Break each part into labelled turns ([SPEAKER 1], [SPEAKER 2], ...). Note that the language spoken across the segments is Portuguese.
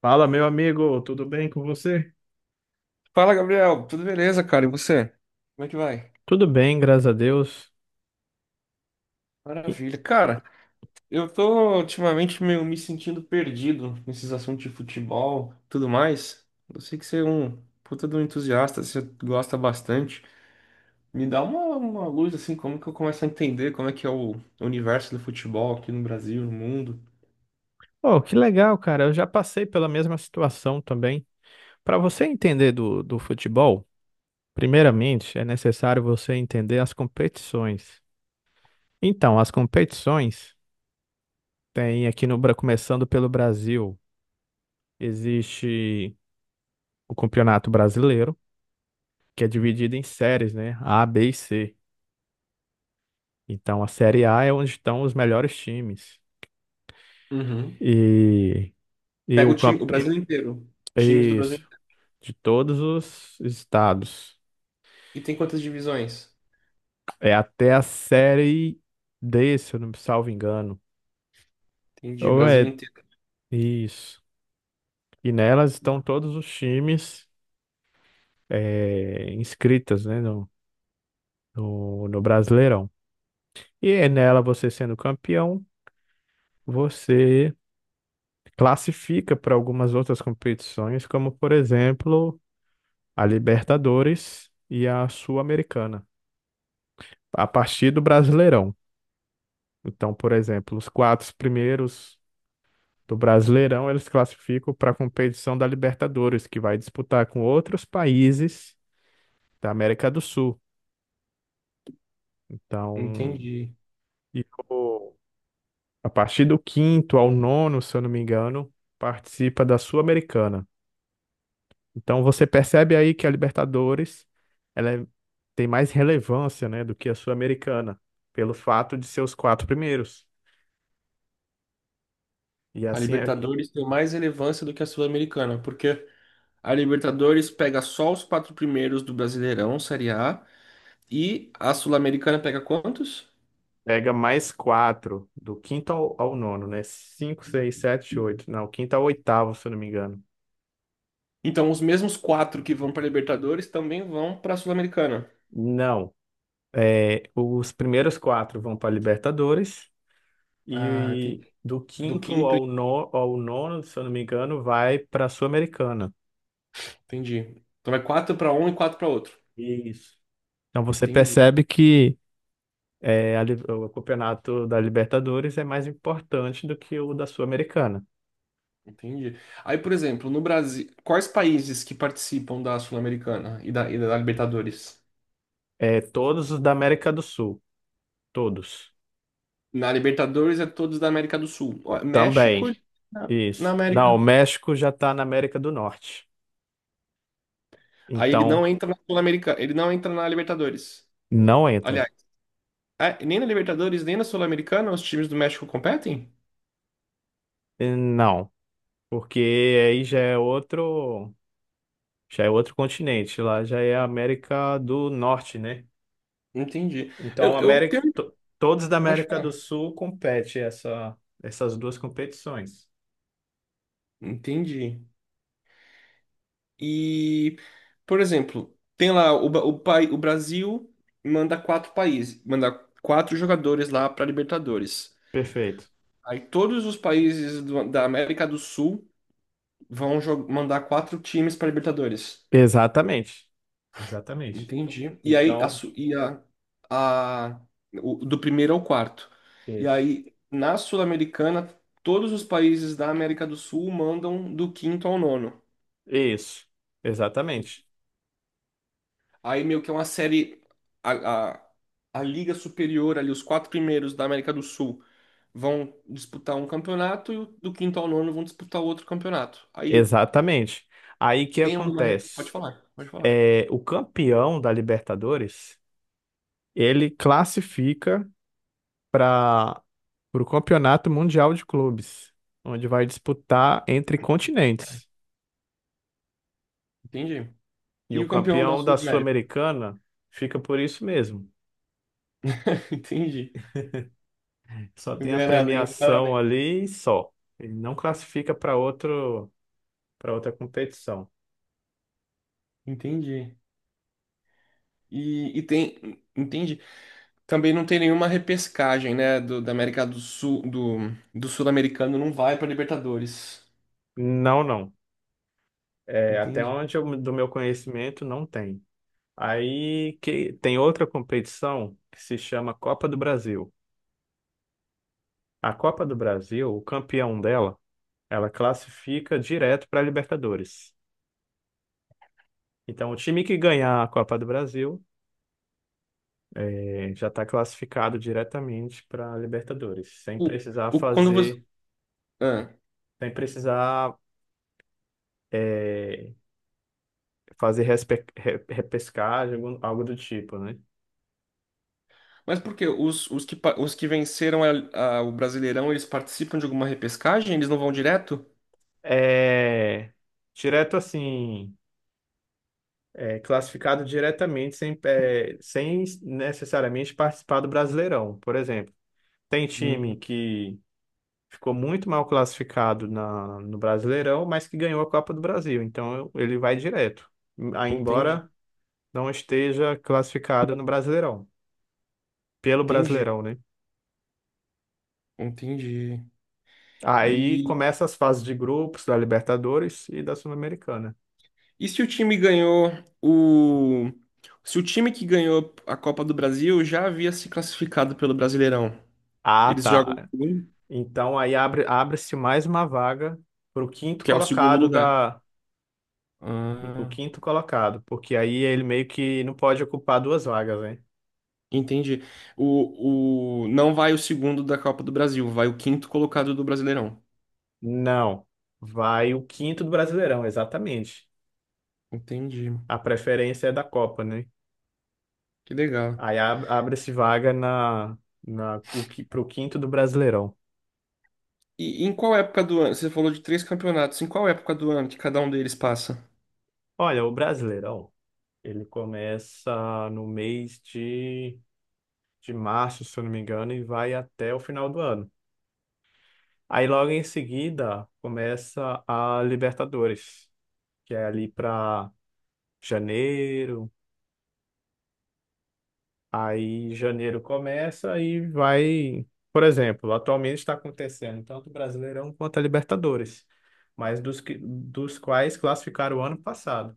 [SPEAKER 1] Fala, meu amigo, tudo bem com você?
[SPEAKER 2] Fala, Gabriel. Tudo beleza, cara? E você? Como é que vai?
[SPEAKER 1] Tudo bem, graças a Deus. E-
[SPEAKER 2] Maravilha. Cara, eu tô ultimamente meio me sentindo perdido nesses assuntos de futebol, tudo mais. Eu sei que você é um puta de um entusiasta, você gosta bastante. Me dá uma luz, assim, como que eu começo a entender como é que é o universo do futebol aqui no Brasil, no mundo.
[SPEAKER 1] Oh, que legal, cara. Eu já passei pela mesma situação também. Para você entender do futebol, primeiramente é necessário você entender as competições. Então, as competições. Tem aqui no, Bra- começando pelo Brasil, existe o Campeonato Brasileiro, que é dividido em séries, né? A, B e C. Então a série A é onde estão os melhores times.
[SPEAKER 2] Uhum.
[SPEAKER 1] E, e
[SPEAKER 2] Pega
[SPEAKER 1] o
[SPEAKER 2] o time, o
[SPEAKER 1] campe...
[SPEAKER 2] Brasil inteiro. Times do Brasil
[SPEAKER 1] Isso,
[SPEAKER 2] inteiro.
[SPEAKER 1] de todos os estados.
[SPEAKER 2] E tem quantas divisões?
[SPEAKER 1] É até a série D, se eu não me salvo engano.
[SPEAKER 2] Entendi,
[SPEAKER 1] Ou
[SPEAKER 2] Brasil
[SPEAKER 1] é
[SPEAKER 2] inteiro.
[SPEAKER 1] isso. E nelas estão todos os times inscritas, né, no Brasileirão. E é nela, você sendo campeão, você classifica para algumas outras competições, como por exemplo a Libertadores e a Sul-Americana, a partir do Brasileirão. Então, por exemplo, os quatro primeiros do Brasileirão eles classificam para a competição da Libertadores, que vai disputar com outros países da América do Sul. Então,
[SPEAKER 2] Entendi.
[SPEAKER 1] e o- a partir do quinto ao nono, se eu não me engano, participa da Sul-Americana. Então você percebe aí que a Libertadores ela é- tem mais relevância, né, do que a Sul-Americana, pelo fato de ser os quatro primeiros. E
[SPEAKER 2] A
[SPEAKER 1] assim é,
[SPEAKER 2] Libertadores tem mais relevância do que a Sul-Americana, porque a Libertadores pega só os quatro primeiros do Brasileirão, Série A, e a Sul-Americana pega quantos?
[SPEAKER 1] pega mais quatro, ao nono, né? Cinco, seis, sete, oito. Não, quinto ao oitavo, se eu não me engano.
[SPEAKER 2] Então, os mesmos quatro que vão para a Libertadores também vão para a Sul-Americana.
[SPEAKER 1] Não. É, os primeiros quatro vão para a Libertadores
[SPEAKER 2] Ah, entendi.
[SPEAKER 1] e, do
[SPEAKER 2] Do
[SPEAKER 1] quinto
[SPEAKER 2] quinto,
[SPEAKER 1] ao, no, ao nono, se eu não me engano, vai para a Sul-Americana.
[SPEAKER 2] entendi. Então, vai quatro para um e quatro para outro.
[SPEAKER 1] Isso. Então você
[SPEAKER 2] Entendi,
[SPEAKER 1] percebe que o campeonato da Libertadores é mais importante do que o da Sul-Americana.
[SPEAKER 2] entendi. Aí, por exemplo, no Brasil, quais países que participam da Sul-Americana e da Libertadores?
[SPEAKER 1] É, todos os da América do Sul, todos.
[SPEAKER 2] Na Libertadores é todos da América do Sul. Ó, México
[SPEAKER 1] Também,
[SPEAKER 2] na
[SPEAKER 1] isso. Não, o
[SPEAKER 2] América.
[SPEAKER 1] México já está na América do Norte.
[SPEAKER 2] Aí ele
[SPEAKER 1] Então,
[SPEAKER 2] não entra na Sul-Americana, ele não entra na Libertadores.
[SPEAKER 1] não entra.
[SPEAKER 2] Aliás, é, nem na Libertadores, nem na Sul-Americana os times do México competem?
[SPEAKER 1] E não, porque aí já é outro continente, lá já é a América do Norte, né?
[SPEAKER 2] Entendi. Eu,
[SPEAKER 1] Então,
[SPEAKER 2] eu tenho-
[SPEAKER 1] Todos da
[SPEAKER 2] Pode
[SPEAKER 1] América do
[SPEAKER 2] falar.
[SPEAKER 1] Sul competem essa, essas duas competições.
[SPEAKER 2] Entendi. E, por exemplo, tem lá o, Ba- o, pai- o Brasil manda quatro países, manda quatro jogadores lá para Libertadores.
[SPEAKER 1] Perfeito.
[SPEAKER 2] Aí todos os países do- da América do Sul vão jo- mandar quatro times para Libertadores.
[SPEAKER 1] Exatamente. Exatamente.
[SPEAKER 2] Entendi. E aí, a,
[SPEAKER 1] Então,
[SPEAKER 2] su- e a- o- do primeiro ao quarto. E
[SPEAKER 1] Isso.
[SPEAKER 2] aí, na Sul-Americana, todos os países da América do Sul mandam do quinto ao nono.
[SPEAKER 1] Isso. Exatamente.
[SPEAKER 2] Aí, meio que é uma série. A, a, a Liga Superior, ali, os quatro primeiros da América do Sul vão disputar um campeonato e o, do quinto ao nono vão disputar outro campeonato. Aí,
[SPEAKER 1] Exatamente. Aí o que
[SPEAKER 2] tem alguma. Re- Pode
[SPEAKER 1] acontece?
[SPEAKER 2] falar, pode falar.
[SPEAKER 1] É, o campeão da Libertadores, ele classifica para o Campeonato Mundial de Clubes, onde vai disputar entre continentes.
[SPEAKER 2] Entendi.
[SPEAKER 1] E
[SPEAKER 2] E
[SPEAKER 1] o
[SPEAKER 2] o campeão da
[SPEAKER 1] campeão da
[SPEAKER 2] Sul-América?
[SPEAKER 1] Sul-Americana fica por isso mesmo.
[SPEAKER 2] Entendi.
[SPEAKER 1] Só
[SPEAKER 2] Não
[SPEAKER 1] tem a
[SPEAKER 2] ganha nada, ganha um
[SPEAKER 1] premiação
[SPEAKER 2] parabéns.
[SPEAKER 1] ali e só. Ele não classifica para outro, para outra competição.
[SPEAKER 2] Entendi. E tem, entende? Também não tem nenhuma repescagem, né? Do, da América do Sul, do, do Sul-Americano não vai para Libertadores,
[SPEAKER 1] Não, não. É, até
[SPEAKER 2] entende?
[SPEAKER 1] onde eu, do meu conhecimento não tem. Aí que tem outra competição que se chama Copa do Brasil. A Copa do Brasil, o campeão dela, ela classifica direto para a Libertadores. Então, o time que ganhar a Copa do Brasil é, já está classificado diretamente para a Libertadores, sem
[SPEAKER 2] O,
[SPEAKER 1] precisar
[SPEAKER 2] o, quando você,
[SPEAKER 1] fazer,
[SPEAKER 2] ah,
[SPEAKER 1] sem precisar é, fazer repescagem, algo do tipo, né?
[SPEAKER 2] mas por quê? Os que, pa- os que venceram a- o Brasileirão, eles participam de alguma repescagem? Eles não vão direto?
[SPEAKER 1] É, direto assim, é, classificado diretamente sem, é, sem necessariamente participar do Brasileirão, por exemplo. Tem time
[SPEAKER 2] Hum,
[SPEAKER 1] que ficou muito mal classificado no Brasileirão, mas que ganhou a Copa do Brasil, então ele vai direto, aí
[SPEAKER 2] entendi,
[SPEAKER 1] embora não esteja classificado no Brasileirão, pelo
[SPEAKER 2] entendi,
[SPEAKER 1] Brasileirão, né?
[SPEAKER 2] entendi.
[SPEAKER 1] Aí
[SPEAKER 2] E,
[SPEAKER 1] começa as fases de grupos da Libertadores e da Sul-Americana.
[SPEAKER 2] e se o time ganhou o. Se o time que ganhou a Copa do Brasil já havia se classificado pelo Brasileirão,
[SPEAKER 1] Ah,
[SPEAKER 2] eles jogam.
[SPEAKER 1] tá. Então aí abre-se mais uma vaga para o quinto
[SPEAKER 2] Que é o segundo
[SPEAKER 1] colocado
[SPEAKER 2] lugar.
[SPEAKER 1] da o
[SPEAKER 2] Ah,
[SPEAKER 1] quinto colocado, porque aí ele meio que não pode ocupar duas vagas, né?
[SPEAKER 2] entendi. O... Não vai o segundo da Copa do Brasil, vai o quinto colocado do Brasileirão.
[SPEAKER 1] Não, vai o quinto do Brasileirão, exatamente.
[SPEAKER 2] Entendi.
[SPEAKER 1] A preferência é da Copa, né?
[SPEAKER 2] Que legal.
[SPEAKER 1] Abre-se vaga na, na o que para o quinto do Brasileirão.
[SPEAKER 2] E em qual época do ano? Você falou de três campeonatos. Em qual época do ano que cada um deles passa?
[SPEAKER 1] Olha, o Brasileirão ele começa no mês de março, se eu não me engano, e vai até o final do ano. Aí logo em seguida começa a Libertadores, que é ali para janeiro. Aí janeiro começa e vai, por exemplo, atualmente está acontecendo tanto o Brasileirão quanto a Libertadores, mas dos quais classificaram o ano passado.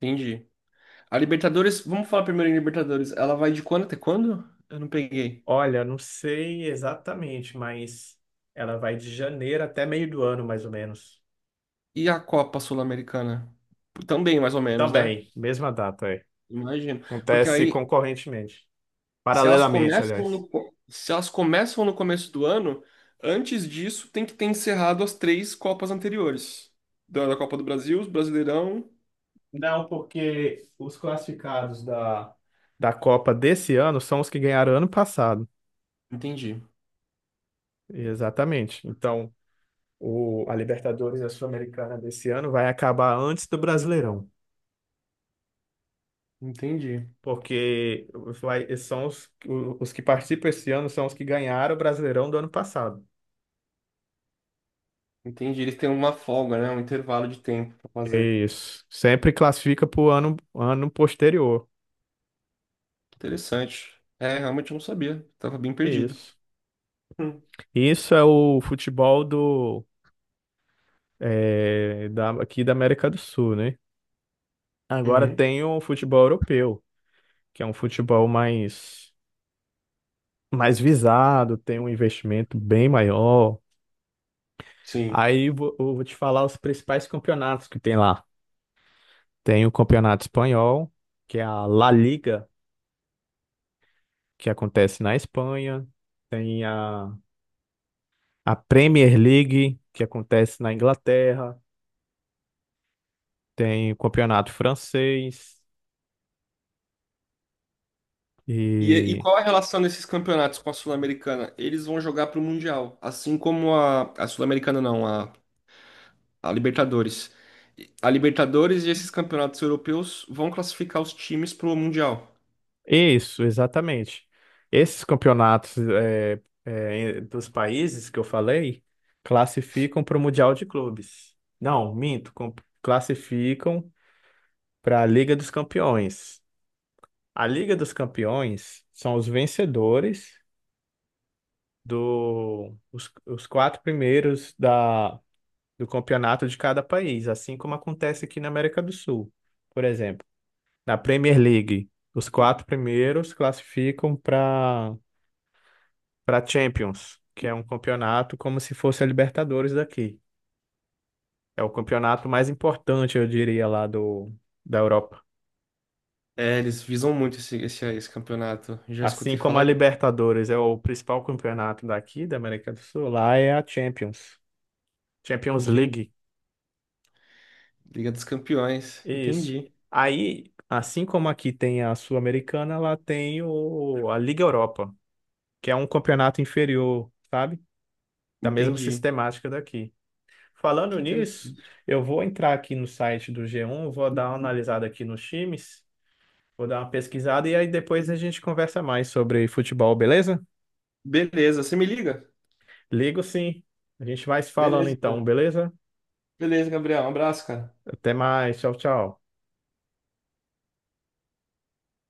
[SPEAKER 2] Entendi. A Libertadores, vamos falar primeiro em Libertadores. Ela vai de quando até quando? Eu não peguei.
[SPEAKER 1] Olha, não sei exatamente, mas ela vai de janeiro até meio do ano, mais ou menos.
[SPEAKER 2] E a Copa Sul-Americana? Também, mais ou menos, né?
[SPEAKER 1] Também, mesma data, é.
[SPEAKER 2] Imagino. Porque
[SPEAKER 1] Acontece
[SPEAKER 2] aí
[SPEAKER 1] concorrentemente,
[SPEAKER 2] se elas
[SPEAKER 1] paralelamente,
[SPEAKER 2] começam
[SPEAKER 1] aliás.
[SPEAKER 2] no, co- se elas começam no começo do ano, antes disso tem que ter encerrado as três Copas anteriores. Da da Copa do Brasil, os Brasileirão.
[SPEAKER 1] Não, porque os classificados da Copa desse ano são os que ganharam ano passado.
[SPEAKER 2] Entendi,
[SPEAKER 1] Exatamente. Então, a Libertadores e a Sul-Americana desse ano vai acabar antes do Brasileirão.
[SPEAKER 2] entendi,
[SPEAKER 1] Porque vai, são os que participam esse ano são os que ganharam o Brasileirão do ano passado.
[SPEAKER 2] entendi. Eles têm uma folga, né? Um intervalo de tempo para fazer.
[SPEAKER 1] Isso. Sempre classifica para o ano posterior.
[SPEAKER 2] Interessante. É, realmente eu não sabia. Tava bem perdido.
[SPEAKER 1] Isso.
[SPEAKER 2] Hum.
[SPEAKER 1] Isso é o futebol aqui da América do Sul, né? Agora
[SPEAKER 2] Uhum.
[SPEAKER 1] tem o futebol europeu, que é um futebol mais, mais visado, tem um investimento bem maior.
[SPEAKER 2] Sim.
[SPEAKER 1] Eu vou te falar os principais campeonatos que tem lá. Tem o Campeonato Espanhol, que é a La Liga, que acontece na Espanha. Tem a Premier League, que acontece na Inglaterra. Tem o Campeonato Francês
[SPEAKER 2] E
[SPEAKER 1] e
[SPEAKER 2] qual a relação desses campeonatos com a Sul-Americana? Eles vão jogar para o Mundial, assim como a Sul-Americana não, a Libertadores. A Libertadores e esses campeonatos europeus vão classificar os times pro Mundial.
[SPEAKER 1] isso, exatamente. Esses campeonatos dos países que eu falei classificam para o Mundial de Clubes. Não, minto, com- Classificam para a Liga dos Campeões. A Liga dos Campeões são os vencedores os quatro primeiros do campeonato de cada país, assim como acontece aqui na América do Sul, por exemplo. Na Premier League, os quatro primeiros classificam para Champions, que é um campeonato como se fosse a Libertadores daqui. É o campeonato mais importante, eu diria, da Europa.
[SPEAKER 2] É, eles visam muito esse campeonato. Já
[SPEAKER 1] Assim
[SPEAKER 2] escutei
[SPEAKER 1] como a
[SPEAKER 2] falar isso.
[SPEAKER 1] Libertadores é o principal campeonato daqui, da América do Sul, lá é a Champions. Champions
[SPEAKER 2] Entendi.
[SPEAKER 1] League.
[SPEAKER 2] Liga dos Campeões.
[SPEAKER 1] Isso.
[SPEAKER 2] Entendi.
[SPEAKER 1] Aí, assim como aqui tem a Sul-Americana, lá tem a Liga Europa, que é um campeonato inferior, sabe? Da mesma
[SPEAKER 2] Entendi.
[SPEAKER 1] sistemática daqui. Falando
[SPEAKER 2] Que
[SPEAKER 1] nisso,
[SPEAKER 2] interessante.
[SPEAKER 1] eu vou entrar aqui no site do G1, vou dar uma analisada aqui nos times, vou dar uma pesquisada e aí depois a gente conversa mais sobre futebol, beleza?
[SPEAKER 2] Beleza, você me liga?
[SPEAKER 1] Ligo sim. A gente vai se falando
[SPEAKER 2] Beleza,
[SPEAKER 1] então,
[SPEAKER 2] então.
[SPEAKER 1] beleza?
[SPEAKER 2] Beleza, Gabriel. Um abraço, cara.
[SPEAKER 1] Até mais. Tchau, tchau.